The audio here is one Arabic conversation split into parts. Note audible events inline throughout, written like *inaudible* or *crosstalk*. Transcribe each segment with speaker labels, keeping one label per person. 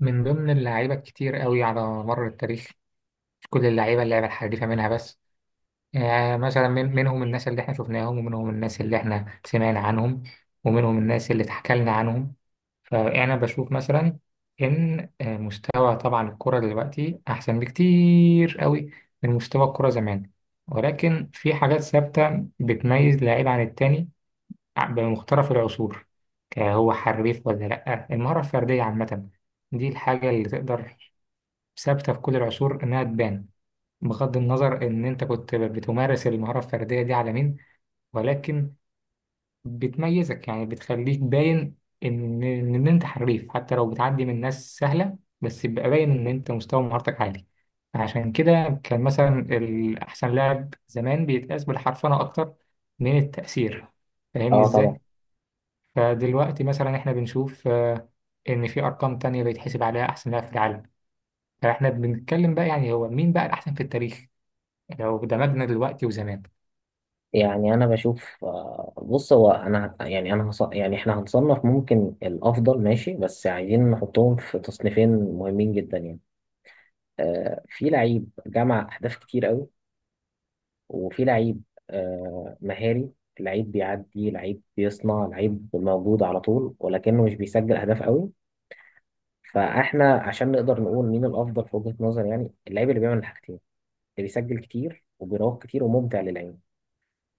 Speaker 1: من ضمن اللعيبة الكتير قوي على مر التاريخ. مش كل اللعيبة اللعبة الحريفة منها بس. يعني مثلا، منهم الناس اللي احنا شفناهم، ومنهم الناس اللي احنا سمعنا عنهم، ومنهم الناس اللي اتحكى لنا عنهم. فأنا بشوف مثلا إن مستوى طبعا الكرة دلوقتي أحسن بكتير قوي من مستوى الكرة زمان. ولكن في حاجات ثابتة بتميز لعيب عن التاني بمختلف العصور. هو حريف ولا لأ؟ المهارة الفردية عامة، دي الحاجة اللي تقدر، ثابتة في كل العصور إنها تبان، بغض النظر إن أنت كنت بتمارس المهارة الفردية دي على مين. ولكن بتميزك، يعني بتخليك باين إن أنت حريف. حتى لو بتعدي من ناس سهلة، بس يبقى باين إن أنت مستوى مهارتك عالي. عشان كده كان مثلا الأحسن لاعب زمان بيتقاس بالحرفنة أكتر من التأثير. فاهمني
Speaker 2: اه، طبعا.
Speaker 1: إزاي؟ فدلوقتي مثلا إحنا بنشوف إن في أرقام تانية بيتحسب عليها أحسن لاعب في العالم. فاحنا بنتكلم بقى يعني هو مين بقى الأحسن في التاريخ لو دمجنا دلوقتي وزمان.
Speaker 2: يعني انا بشوف، بص. هو انا يعني يعني احنا هنصنف ممكن الافضل، ماشي، بس عايزين نحطهم في تصنيفين مهمين جدا يعني. في لعيب جمع اهداف كتير قوي، وفي لعيب مهاري. لعيب بيعدي، لعيب بيصنع، لعيب موجود على طول ولكنه مش بيسجل اهداف قوي. فاحنا عشان نقدر نقول مين الافضل في وجهة نظر، يعني اللعيب اللي بيعمل الحاجتين، اللي بيسجل كتير وبيراوغ كتير وممتع للعين.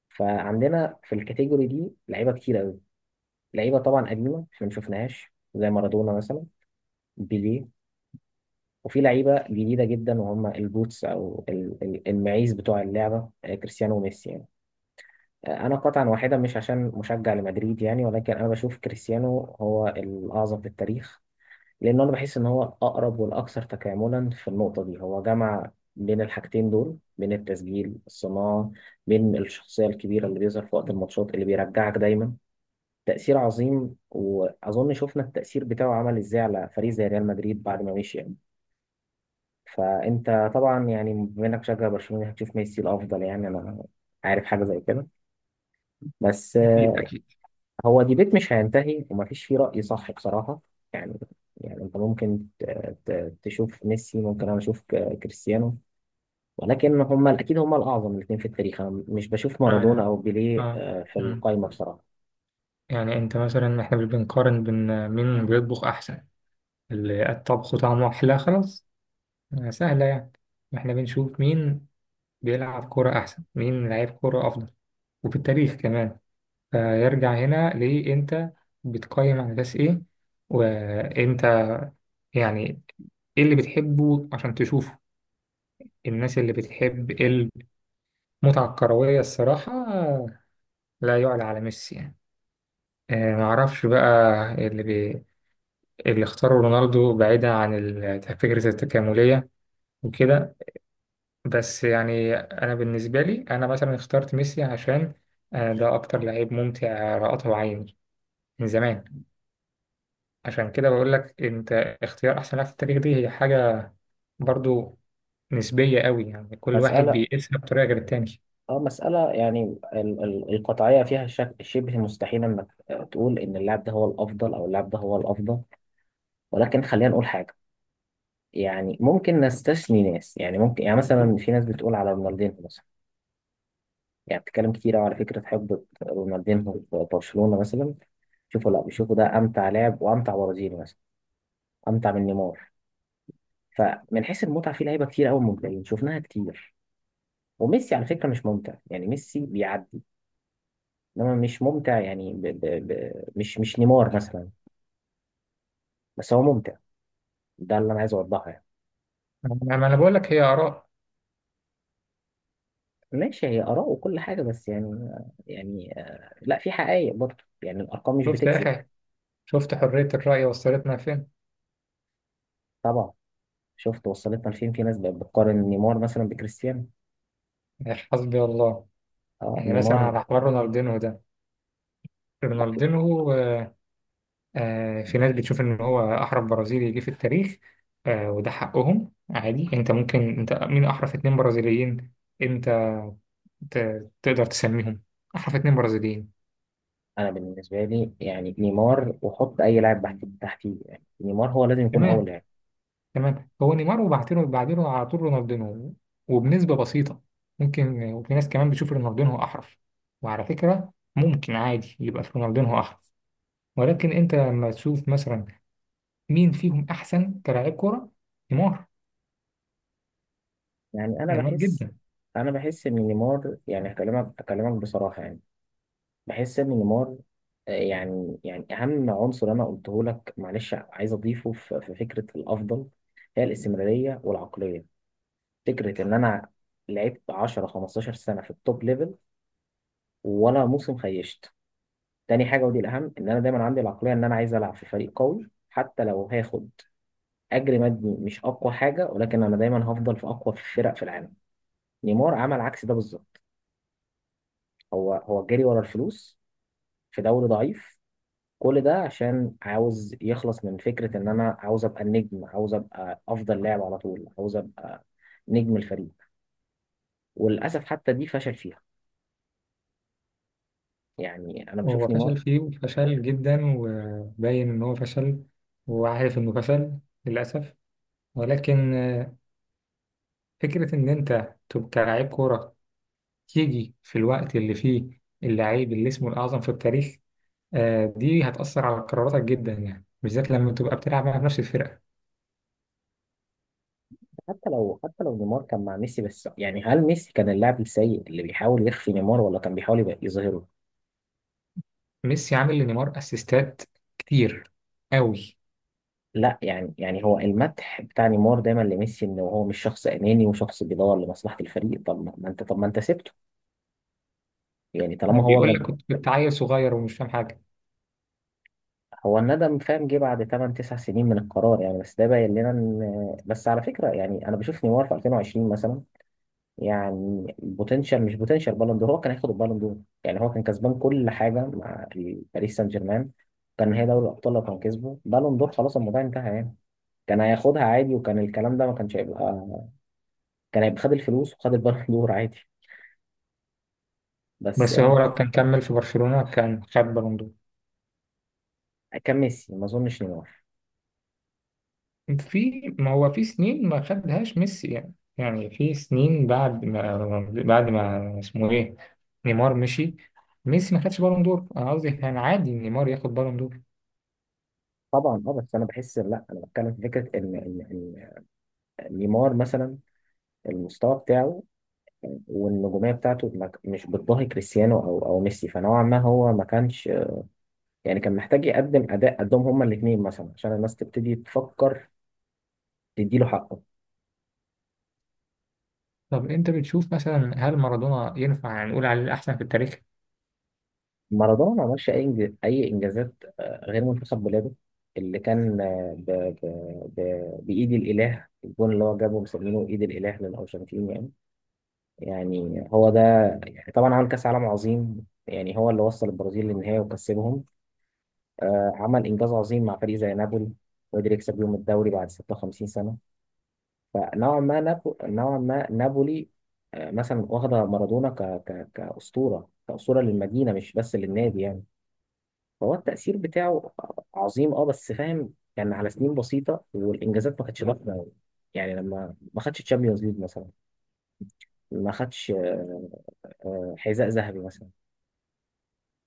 Speaker 2: فعندنا في الكاتيجوري دي لعيبه كتير قوي. لعيبه طبعا قديمه احنا ما شفناهاش، زي مارادونا مثلا، بيليه. وفي لعيبه جديده جدا، وهم البوتس او المعيز بتوع اللعبه، كريستيانو وميسي يعني. انا قطعا واحده، مش عشان مشجع لمدريد يعني، ولكن انا بشوف كريستيانو هو الاعظم في التاريخ. لان انا بحس ان هو الاقرب والاكثر تكاملا في النقطه دي. هو جمع بين الحاجتين دول، بين التسجيل الصناعه، بين الشخصيه الكبيره اللي بيظهر في وقت الماتشات اللي بيرجعك دايما. تأثير عظيم، وأظن شفنا التأثير بتاعه عمل إزاي على فريق زي ريال مدريد بعد ما مشي يعني. فأنت طبعا يعني بما إنك مشجع برشلونة يعني هتشوف ميسي الأفضل، يعني أنا عارف حاجة زي كده. بس
Speaker 1: أكيد أكيد.
Speaker 2: هو ديبيت مش هينتهي ومفيش فيه رأي صح بصراحة. يعني، يعني أنت ممكن تشوف ميسي، ممكن أنا أشوف كريستيانو، ولكن هما أكيد هما الأعظم الاتنين في التاريخ. أنا مش بشوف مارادونا
Speaker 1: معنى،
Speaker 2: أو بيليه
Speaker 1: اه.
Speaker 2: في
Speaker 1: مم.
Speaker 2: القايمة بصراحة.
Speaker 1: يعني انت مثلا، احنا مش بنقارن بين مين بيطبخ احسن، اللي الطبخ طعمه احلى خلاص. سهلة يعني. احنا بنشوف مين بيلعب كرة احسن، مين لعيب كرة افضل، وفي التاريخ كمان. فيرجع هنا ليه انت بتقيم على اساس ايه، وانت يعني ايه اللي بتحبه عشان تشوفه؟ الناس اللي بتحب متعة كروية، الصراحة لا يعلى على ميسي يعني. معرفش بقى. اللي بي... اللي اختاروا رونالدو بعيدا عن فكرة التكاملية وكده. بس يعني أنا بالنسبة لي، أنا مثلا اخترت ميسي عشان ده أكتر لعيب ممتع رأته عيني من زمان. عشان كده بقول لك أنت، اختيار أحسن لاعب في التاريخ دي هي حاجة برضو نسبية قوي يعني. كل واحد
Speaker 2: مسألة،
Speaker 1: بيقيسها بطريقة غير التاني.
Speaker 2: اه، مسألة يعني القطعية فيها شبه مستحيل انك تقول ان اللاعب ده هو الافضل او اللاعب ده هو الافضل. ولكن خلينا نقول حاجة. يعني ممكن نستثني ناس، يعني ممكن يعني مثلا في ناس بتقول على رونالدينهو مثلا، يعني بتتكلم كتير أوي على فكرة حقبة رونالدينهو في برشلونة مثلا. شوفوا، لا، بيشوفوا ده امتع لاعب وامتع برازيلي مثلا، امتع من نيمار. فمن حيث المتعة في لعيبة كتير قوي ممتعين شفناها كتير. وميسي على فكرة مش ممتع، يعني ميسي بيعدي، انما مش ممتع، يعني مش نيمار مثلا، بس هو ممتع. ده اللي انا عايز اوضحه يعني.
Speaker 1: ما أنا بقول لك هي آراء.
Speaker 2: ماشي، هي اراء وكل حاجه، بس يعني، يعني لا، في حقائق برضه، يعني الارقام مش
Speaker 1: شفت يا
Speaker 2: بتكذب.
Speaker 1: أخي، شفت حرية الرأي وصلتنا فين؟
Speaker 2: طبعا. شفت وصلتنا لفين، في ناس بقت بتقارن نيمار مثلا بكريستيانو.
Speaker 1: حسبي الله.
Speaker 2: اه،
Speaker 1: يعني مثلا
Speaker 2: نيمار.
Speaker 1: على حوار رونالدينو ده، رونالدينو، في ناس بتشوف ان هو احرف برازيلي جه في التاريخ. وده حقهم عادي. انت ممكن، انت مين احرف اتنين برازيليين؟ انت تقدر تسميهم احرف اتنين برازيليين؟
Speaker 2: انا بالنسبه لي، يعني نيمار وحط اي لاعب تحت تحتيه، يعني نيمار هو لازم يكون اول
Speaker 1: تمام
Speaker 2: لاعب.
Speaker 1: تمام. هو نيمار، وبعدينه بعدينه على طول رونالدينو وبنسبة بسيطة ممكن. وفي ناس كمان بتشوف رونالدينو احرف، وعلى فكرة ممكن عادي يبقى في رونالدينو احرف. ولكن انت لما تشوف مثلا مين فيهم أحسن كلاعب كورة؟ نيمار.
Speaker 2: يعني
Speaker 1: نيمار جدا.
Speaker 2: انا بحس ان نيمار، يعني هكلمك بصراحه، يعني بحس ان نيمار، يعني اهم عنصر انا قلته لك معلش عايز اضيفه في فكره الافضل، هي الاستمراريه والعقليه. فكره ان انا لعبت 10 15 سنه في التوب ليفل، ولا موسم خيشت. تاني حاجه، ودي الاهم، ان انا دايما عندي العقليه ان انا عايز العب في فريق قوي حتى لو هاخد اجر مادي مش اقوى حاجه، ولكن انا دايما هفضل في اقوى فرق في العالم. نيمار عمل عكس ده بالظبط. هو جري ورا الفلوس في دوري ضعيف. كل ده عشان عاوز يخلص من فكرة إن أنا عاوز أبقى النجم، عاوز أبقى أفضل لاعب على طول، عاوز أبقى نجم الفريق. وللأسف حتى دي فشل فيها. يعني أنا
Speaker 1: وهو
Speaker 2: بشوف نيمار.
Speaker 1: فشل فيه، وفشل جدا، وباين إن هو فشل وعارف إنه فشل، للأسف. ولكن فكرة إن أنت تبقى كلاعب كورة تيجي في الوقت اللي فيه اللعيب اللي اسمه الأعظم في التاريخ، دي هتأثر على قراراتك جدا يعني، بالذات لما تبقى بتلعب مع نفس الفرقة.
Speaker 2: حتى لو، حتى لو نيمار كان مع ميسي، بس يعني هل ميسي كان اللاعب السيء اللي بيحاول يخفي نيمار، ولا كان بيحاول يبقى يظهره؟
Speaker 1: ميسي عامل لنيمار أسيستات كتير أوي.
Speaker 2: لا يعني، يعني هو المدح بتاع نيمار دايما لميسي إن هو مش شخص أناني وشخص بيدور لمصلحة الفريق. طب ما أنت، طب ما أنت سبته، يعني طالما هو،
Speaker 1: بيقول لك كنت عيل صغير ومش فاهم حاجة.
Speaker 2: هو الندم فاهم جه بعد 8 9 سنين من القرار يعني. بس ده باين لنا ان، بس على فكره يعني انا بشوف نيمار في 2020 مثلا، يعني بوتنشال، مش بوتنشال، بالون دور، هو كان هياخد البالون دور. يعني هو كان كسبان كل حاجه مع باريس سان جيرمان، كان هي دوري الابطال، لو كان كسبه بالون دور خلاص الموضوع انتهى يعني. كان هياخدها عادي، وكان الكلام ده ما كانش هيبقى. كان هيبقى خد الفلوس وخد البالون *laughs* دور عادي. بس
Speaker 1: بس
Speaker 2: يعني
Speaker 1: هو لو كان كمل في برشلونة كان خد بالون دور.
Speaker 2: كان ميسي ما اظنش نيمار.
Speaker 1: في، ما هو في سنين ما خدهاش ميسي يعني. يعني في سنين بعد ما اسمه ايه، نيمار مشي، ميسي ما خدش بالون دور. انا قصدي كان عادي نيمار ياخد بالون دور.
Speaker 2: طبعا، اه، بس انا بحس، لا، انا بتكلم في فكره ان إن نيمار مثلا، المستوى بتاعه والنجومية بتاعته ما ك- مش بتضاهي كريستيانو أو ميسي. فنوعا ما هو ما كانش، يعني كان محتاج يقدم أداء قدهم هما الاتنين مثلا عشان الناس تبتدي تفكر تديله حقه.
Speaker 1: طب انت بتشوف مثلا، هل مارادونا ينفع نقول عليه الاحسن في التاريخ؟
Speaker 2: مارادونا ما عملش أي أي إنجازات غير منتخب بلاده، اللي كان بإيد الإله، الجون اللي هو جابه مسمينه إيد الإله للأرجنتين يعني. يعني هو ده. يعني طبعا عمل كأس عالم عظيم، يعني هو اللي وصل البرازيل للنهاية وكسبهم. عمل إنجاز عظيم مع فريق زي نابولي، وقدر يكسب بيهم الدوري بعد 56 سنة. فنوعا ما نوعا ما نابولي مثلا واخدة مارادونا كأسطورة، كأسطورة للمدينة مش بس للنادي يعني. فهو التأثير بتاعه عظيم، اه، بس فاهم كان على سنين بسيطة والإنجازات ما كانتش ضخمة أوي. يعني لما ما خدش تشامبيونز ليج مثلا، ما خدش حذاء ذهبي مثلا،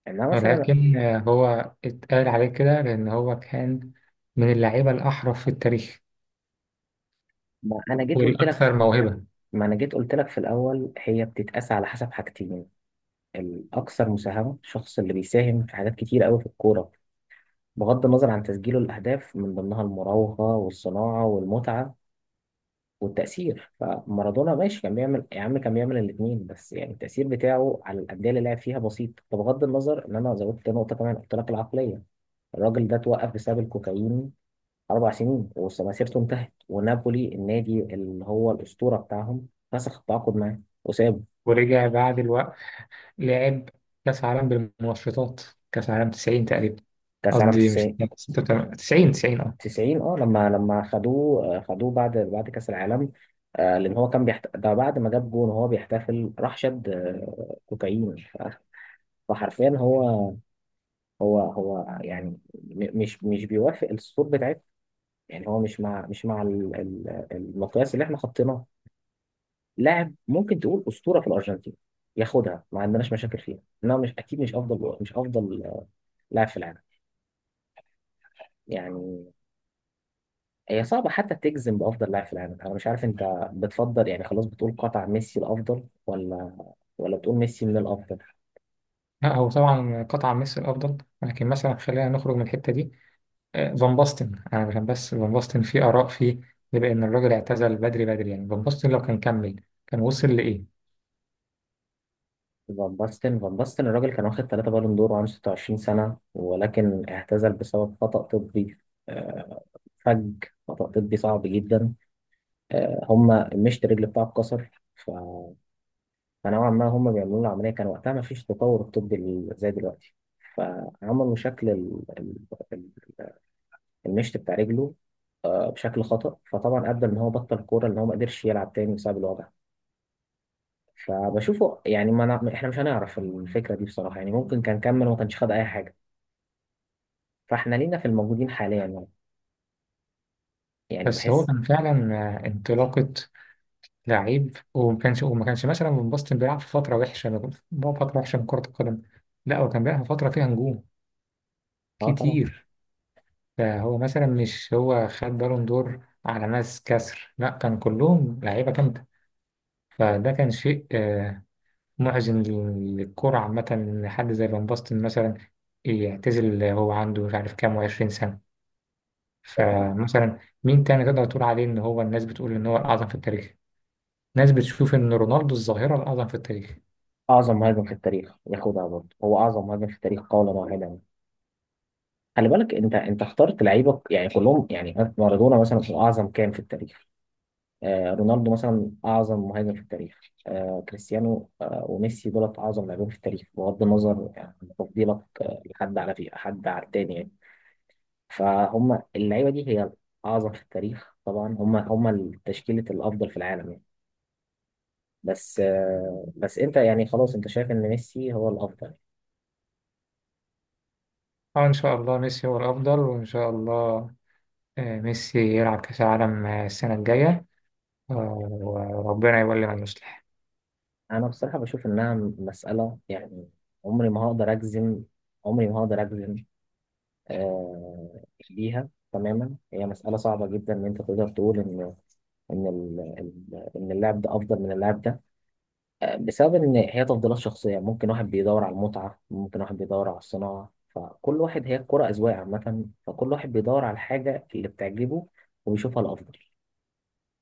Speaker 2: انما مثلا،
Speaker 1: ولكن هو اتقال عليه كده لان هو كان من اللعيبة الاحرف في التاريخ
Speaker 2: ما انا جيت قلت
Speaker 1: والاكثر
Speaker 2: لك،
Speaker 1: موهبة.
Speaker 2: ما انا جيت قلت لك في الاول هي بتتقاس على حسب حاجتين. الأكثر مساهمة، الشخص اللي بيساهم في حاجات كتير قوي في الكورة بغض النظر عن تسجيله الأهداف، من ضمنها المراوغة والصناعة والمتعة والتأثير. فمارادونا ماشي، كان بيعمل يا عم كان بيعمل الاتنين، بس يعني التأثير بتاعه على الأندية اللي لعب فيها بسيط. فبغض النظر إن أنا زودت نقطة كمان قلت لك العقلية، الراجل ده اتوقف بسبب الكوكايين أربع سنين ومسيرته انتهت، ونابولي النادي اللي هو الأسطورة بتاعهم فسخ التعاقد معاه وسابه.
Speaker 1: ورجع بعد الوقت لعب كأس عالم بالمنشطات، كأس عالم 90 تقريبا.
Speaker 2: كأس عالم
Speaker 1: قصدي مش
Speaker 2: 90،
Speaker 1: 90، 90 اه.
Speaker 2: 90 اه، لما خدوه، خدوه بعد كأس العالم. لأن هو كان ده بعد ما جاب جون وهو بيحتفل راح شد كوكايين. فحرفيا هو، هو يعني مش بيوافق الصور بتاعتنا، يعني هو مش مع المقياس اللي احنا حطيناه. لاعب ممكن تقول أسطورة في الأرجنتين، ياخدها ما عندناش مشاكل فيها، انما مش اكيد، مش افضل، مش افضل لاعب في العالم. يعني هي صعبة حتى تجزم بأفضل لاعب في العالم. أنا مش عارف أنت بتفضل يعني خلاص بتقول قطع ميسي الأفضل، ولا ولا بتقول ميسي من الأفضل.
Speaker 1: لا هو طبعا قطع ميسي الأفضل، ولكن مثلا خلينا نخرج من الحتة دي. فان باستن. أنا عشان بس فان باستن في آراء فيه بيبقى إن الراجل اعتزل بدري بدري يعني. فان باستن لو كان كمل كان وصل لإيه؟
Speaker 2: فان باستن الراجل كان واخد ثلاثة بالون دور وعنده 26 سنة، ولكن اعتزل بسبب خطأ طبي. آه، فج، خطأ طبي صعب جدا. هما مشط الرجل بتاعه اتكسر. فنوعا ما هما بيعملوا له عملية، كان وقتها ما فيش تطور الطبي زي دلوقتي، فعملوا شكل المشط بتاع رجله بشكل خطأ. فطبعا ادى ان هو بطل الكوره، ان هو ما قدرش يلعب تاني بسبب الوضع. فبشوفه يعني ما نع- احنا مش هنعرف الفكره دي بصراحه، يعني ممكن كان كمل وما كانش خد اي حاجه. فاحنا لينا في الموجودين حاليا يعني. يعني
Speaker 1: بس هو
Speaker 2: بحس،
Speaker 1: كان فعلا انطلاقة لعيب. وما كانش مثلا فان باستن بيلعب في فترة وحشة، بيلعب في فترة وحشة من كرة القدم. لا، هو كان بيلعب في فترة فيها نجوم
Speaker 2: اه طبعا.
Speaker 1: كتير. فهو مثلا مش هو خد بالون دور على ناس كسر، لا، كان كلهم لعيبة جامدة. فده كان شيء محزن للكرة عامة إن حد زي فان باستن مثلا يعتزل، هو عنده مش عارف كام وعشرين سنة. فمثلا، مين تاني تقدر تقول عليه إن هو، الناس بتقول إن هو الأعظم في التاريخ؟ ناس بتشوف إن رونالدو الظاهرة الأعظم في التاريخ.
Speaker 2: اعظم مهاجم في التاريخ ياخدها برضه، هو اعظم مهاجم في التاريخ قولا واحدا. خلي بالك انت اخترت لعيبه يعني كلهم، يعني مارادونا مثلا هو اعظم كام في التاريخ، رونالدو مثلا اعظم مهاجم في التاريخ، كريستيانو وميسي دولت اعظم لاعبين في التاريخ، بغض النظر يعني عن تفضيلك لحد على، في حد على التاني يعني. فهم اللعيبه دي هي الاعظم في التاريخ، طبعا هم تشكيله الافضل في العالم يعني. بس بس انت يعني خلاص انت شايف ان ميسي هو الافضل.
Speaker 1: اه إن شاء الله ميسي هو الأفضل، وإن شاء الله ميسي يلعب كأس العالم السنة الجاية. آه، وربنا يولي من يصلح.
Speaker 2: انا بصراحه بشوف انها مساله يعني، عمري ما هقدر اجزم، عمري ما هقدر اجزم آه، ليها تماما. هي مسألة صعبة جدا إن أنت تقدر تقول إن، إن إن اللاعب ده أفضل من اللاعب ده بسبب إن هي تفضيلات شخصية. ممكن واحد بيدور على المتعة، ممكن واحد بيدور على الصناعة، فكل واحد، هي الكرة أذواق عامة، فكل واحد بيدور على الحاجة اللي بتعجبه وبيشوفها الأفضل.